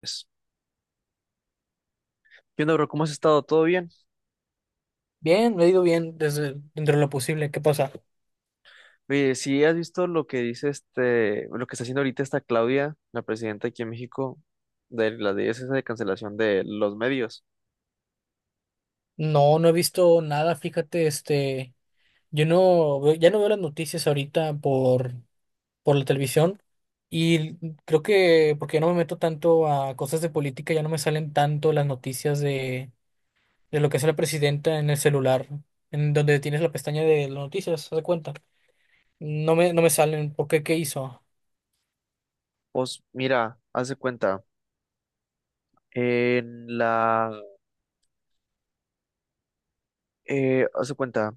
Pues, ¿qué onda, bro? ¿Cómo has estado? ¿Todo bien? Bien, me he ido bien desde dentro de lo posible. ¿Qué pasa? Oye, si has visto lo que dice lo que está haciendo ahorita esta Claudia, la presidenta aquí en México, de la de esa de cancelación de los medios. No, no he visto nada, fíjate, yo no, veo- ya no veo las noticias ahorita por la televisión y creo que porque ya no me meto tanto a cosas de política, ya no me salen tanto las noticias de lo que hace la presidenta en el celular, en donde tienes la pestaña de las noticias, haz de cuenta. No me salen, ¿por qué? ¿Qué hizo? Pues mira, haz de cuenta, en la, haz de cuenta,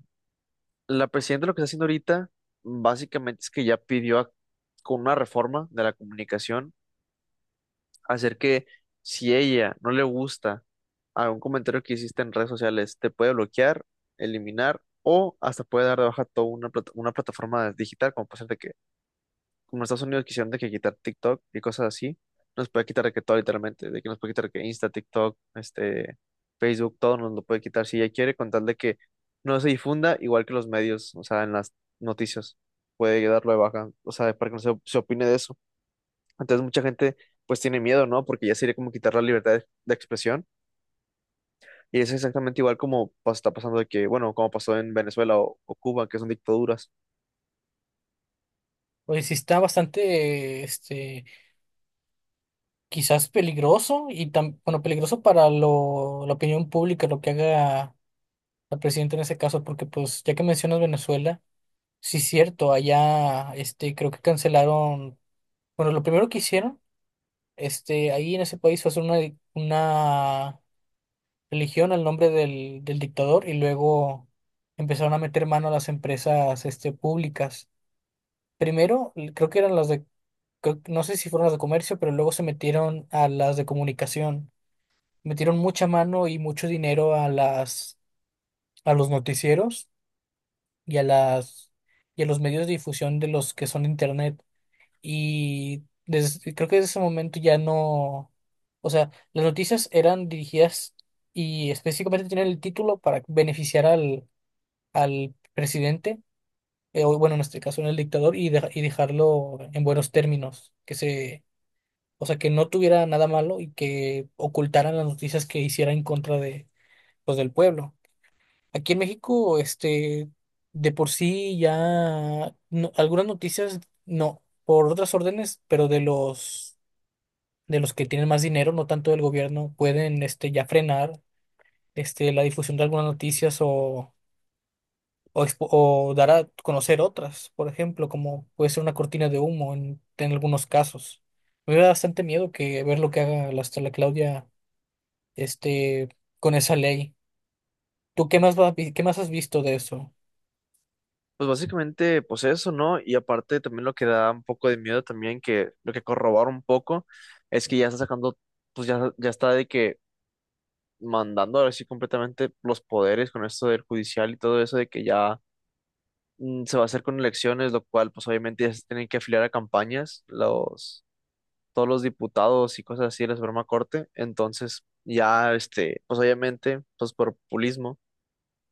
la presidenta lo que está haciendo ahorita, básicamente es que ya con una reforma de la comunicación hacer que si ella no le gusta algún comentario que hiciste en redes sociales, te puede bloquear, eliminar o hasta puede dar de baja toda una, una plataforma digital, como puede ser de que, como en Estados Unidos quisieron de que quitar TikTok y cosas así, nos puede quitar de que todo literalmente, de que nos puede quitar que Insta, TikTok, Facebook, todo nos lo puede quitar si ella quiere, con tal de que no se difunda igual que los medios, o sea, en las noticias, puede darlo de baja, o sea, para que no se opine de eso. Entonces mucha gente pues tiene miedo, ¿no? Porque ya sería como quitar la libertad de expresión. Y es exactamente igual como está pasando de que, bueno, como pasó en Venezuela o Cuba, que son dictaduras. Pues sí está bastante, quizás peligroso y tan, bueno, peligroso para la opinión pública, lo que haga el presidente en ese caso, porque pues ya que mencionas Venezuela, sí es cierto, allá creo que cancelaron, bueno, lo primero que hicieron, ahí en ese país fue hacer una religión al nombre del dictador y luego empezaron a meter mano a las empresas públicas. Primero, creo que eran las de, no sé si fueron las de comercio, pero luego se metieron a las de comunicación. Metieron mucha mano y mucho dinero a los noticieros y a las, y a los medios de difusión de los que son de internet. Y creo que desde ese momento ya no, o sea, las noticias eran dirigidas y específicamente tienen el título para beneficiar al presidente, o bueno, en este caso en el dictador, y, y dejarlo en buenos términos, que se, o sea, que no tuviera nada malo y que ocultaran las noticias que hiciera en contra de, pues, del pueblo. Aquí en México, de por sí ya algunas noticias, no, por otras órdenes, pero de los que tienen más dinero, no tanto del gobierno, pueden ya frenar la difusión de algunas noticias o o dar a conocer otras, por ejemplo, como puede ser una cortina de humo en algunos casos. Me da bastante miedo que ver lo que haga hasta la Claudia este con esa ley. ¿Tú qué más qué más has visto de eso? Pues básicamente, pues eso, ¿no? Y aparte también lo que da un poco de miedo también, que lo que corrobora un poco, es que ya está sacando, pues ya, ya está de que mandando ahora sí completamente los poderes con esto del judicial y todo eso de que ya se va a hacer con elecciones, lo cual pues obviamente ya se tienen que afiliar a campañas los todos los diputados y cosas así de la Suprema Corte. Entonces, ya, pues obviamente, pues por populismo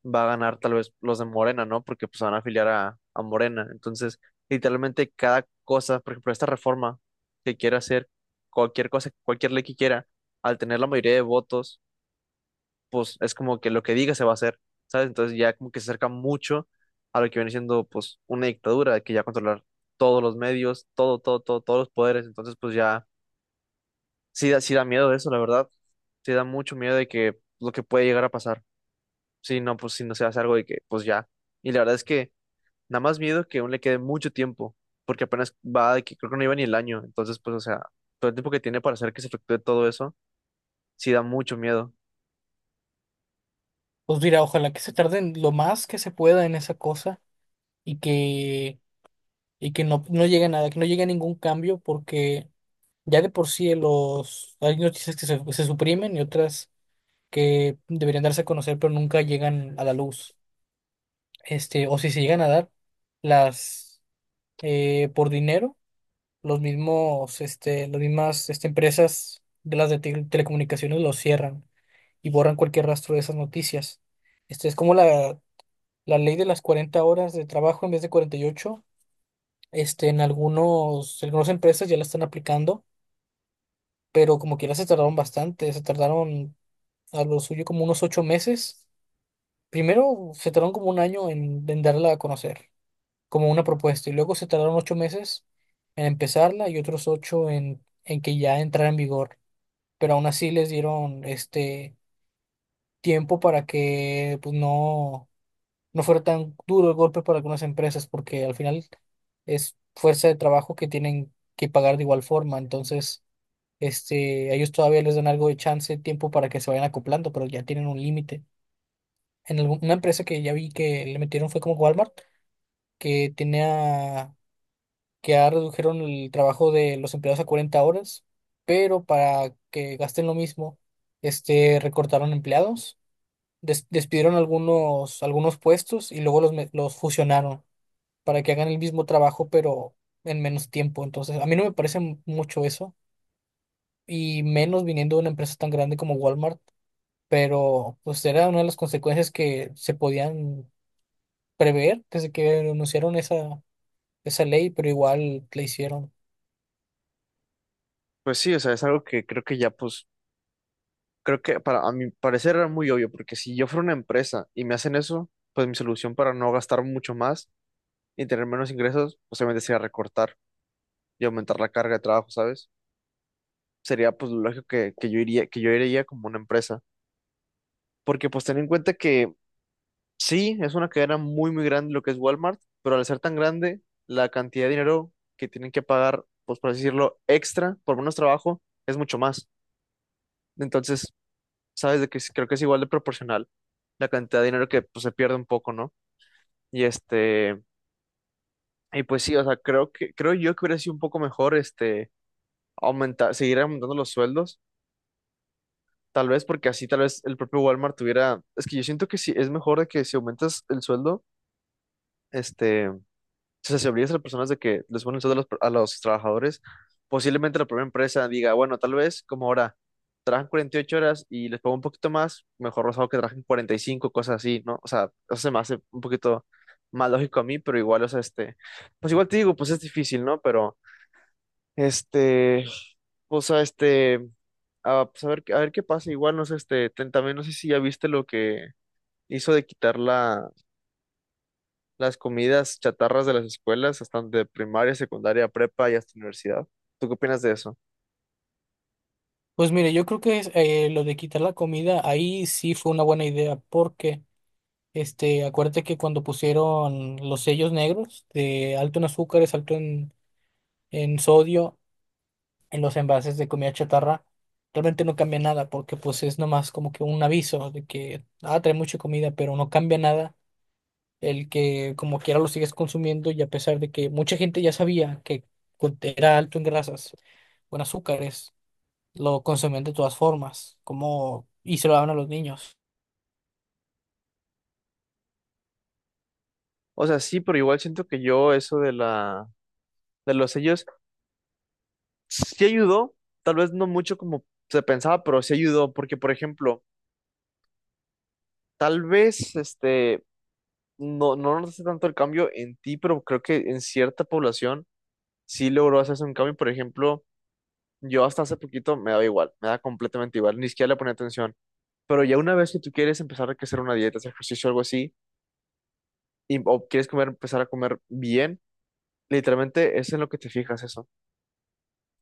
va a ganar tal vez los de Morena, ¿no? Porque pues van a afiliar a Morena. Entonces, literalmente cada cosa, por ejemplo, esta reforma que quiere hacer, cualquier cosa, cualquier ley que quiera, al tener la mayoría de votos, pues es como que lo que diga se va a hacer, ¿sabes? Entonces ya como que se acerca mucho a lo que viene siendo pues una dictadura que ya controlar todos los medios, todo, todo, todo, todos los poderes. Entonces, pues ya sí da, sí da miedo eso, la verdad. Sí da mucho miedo de que lo que puede llegar a pasar. Si no, pues si no se hace algo de que, pues ya. Y la verdad es que nada más miedo que aún le quede mucho tiempo, porque apenas va de que creo que no iba ni el año. Entonces, pues, o sea, todo el tiempo que tiene para hacer que se efectúe todo eso, sí da mucho miedo. Pues mira, ojalá que se tarden lo más que se pueda en esa cosa y que, y que no, no llegue a nada, que no llegue a ningún cambio, porque ya de por sí hay noticias se suprimen y otras que deberían darse a conocer, pero nunca llegan a la luz. O si se llegan a dar, las por dinero, las mismas empresas de las de telecomunicaciones los cierran y borran cualquier rastro de esas noticias. Este es como la ley de las 40 horas de trabajo en vez de 48. En algunas empresas ya la están aplicando, pero como quiera se tardaron bastante, se tardaron a lo suyo como unos 8 meses. Primero se tardaron como un año en darla a conocer, como una propuesta, y luego se tardaron 8 meses en empezarla y otros 8 en que ya entrara en vigor. Pero aún así les dieron tiempo para que no fuera tan duro el golpe para algunas empresas, porque al final es fuerza de trabajo que tienen que pagar de igual forma. Entonces, a ellos todavía les dan algo de chance, tiempo para que se vayan acoplando, pero ya tienen un límite. En una empresa que ya vi que le metieron fue como Walmart, que tenía, que ya redujeron el trabajo de los empleados a 40 horas, pero para que gasten lo mismo, recortaron empleados. Despidieron algunos puestos y luego los fusionaron para que hagan el mismo trabajo, pero en menos tiempo. Entonces, a mí no me parece mucho eso, y menos viniendo de una empresa tan grande como Walmart, pero pues era una de las consecuencias que se podían prever desde que anunciaron esa ley, pero igual la hicieron. Pues sí, o sea, es algo que creo que ya, pues, creo que para a mi parecer era muy obvio, porque si yo fuera una empresa y me hacen eso, pues mi solución para no gastar mucho más y tener menos ingresos, pues obviamente sería recortar y aumentar la carga de trabajo, ¿sabes? Sería pues lo lógico que yo iría como una empresa. Porque pues ten en cuenta que sí, es una cadena muy, muy grande lo que es Walmart, pero al ser tan grande, la cantidad de dinero que tienen que pagar, pues por así decirlo, extra por menos trabajo, es mucho más. Entonces, sabes de que creo que es igual de proporcional la cantidad de dinero que pues, se pierde un poco, ¿no? Y y pues sí, o sea, creo que, creo yo que hubiera sido un poco mejor aumentar, seguir aumentando los sueldos. Tal vez porque así tal vez el propio Walmart tuviera, es que yo siento que sí, es mejor de que si aumentas el sueldo, o sea, si obligas a las personas de que les ponen el sueldo a los trabajadores, posiblemente la propia empresa diga, bueno, tal vez como ahora trabajan 48 horas y les pago un poquito más, mejor los hago que trabajen 45 cosas así, ¿no? O sea, eso se me hace un poquito más lógico a mí, pero igual, o sea, pues igual te digo, pues es difícil, ¿no? Pero, este, o sea, Ah, pues a ver, a ver qué pasa. Igual, no sé, también no sé si ya viste lo que hizo de quitar la, las comidas chatarras de las escuelas, hasta de primaria, secundaria, prepa y hasta universidad. ¿Tú qué opinas de eso? Pues mire, yo creo que lo de quitar la comida ahí sí fue una buena idea, porque acuérdate que cuando pusieron los sellos negros de alto en azúcares, alto en sodio, en los envases de comida chatarra, realmente no cambia nada porque pues es nomás como que un aviso de que, ah, trae mucha comida, pero no cambia nada el que como quiera lo sigues consumiendo y a pesar de que mucha gente ya sabía que era alto en grasas o en azúcares, lo consumían de todas formas, como y se lo daban a los niños. O sea, sí, pero igual siento que yo eso de la, de los sellos sí ayudó, tal vez no mucho como se pensaba, pero sí ayudó, porque por ejemplo, tal vez no notaste tanto el cambio en ti, pero creo que en cierta población sí logró hacerse un cambio, por ejemplo. Yo hasta hace poquito me daba igual, me da completamente igual, ni siquiera le ponía atención. Pero ya una vez que tú quieres empezar a hacer una dieta, hacer ejercicio algo así, y, o quieres comer, empezar a comer bien, literalmente es en lo que te fijas eso.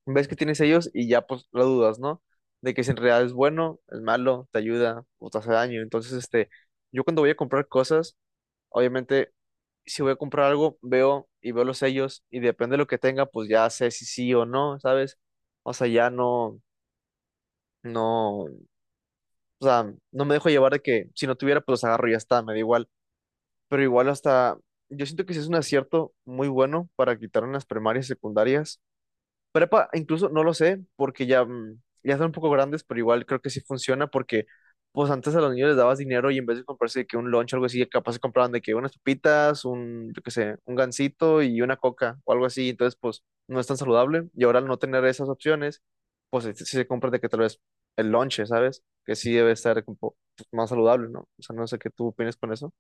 Ves que tienes ellos y ya pues lo dudas, ¿no? De que si en realidad es bueno, es malo, te ayuda o te hace daño. Entonces, yo cuando voy a comprar cosas, obviamente, si voy a comprar algo, veo y veo los sellos y depende de lo que tenga, pues ya sé si sí o no, ¿sabes? O sea, ya no, no. O sea, no me dejo llevar de que si no tuviera, pues los agarro y ya está, me da igual. Pero igual hasta, yo siento que sí es un acierto muy bueno para quitar en las primarias y secundarias. Prepa, incluso no lo sé, porque ya, ya son un poco grandes, pero igual creo que sí funciona, porque pues antes a los niños les dabas dinero y en vez de comprarse de que un lunch o algo así, capaz se compraban de que unas papitas, un, yo qué sé, un gansito y una coca o algo así, entonces pues no es tan saludable. Y ahora al no tener esas opciones, pues sí se compra de que tal vez el lunch, ¿sabes? Que sí debe estar un más saludable, ¿no? O sea, no sé qué tú opinas con eso.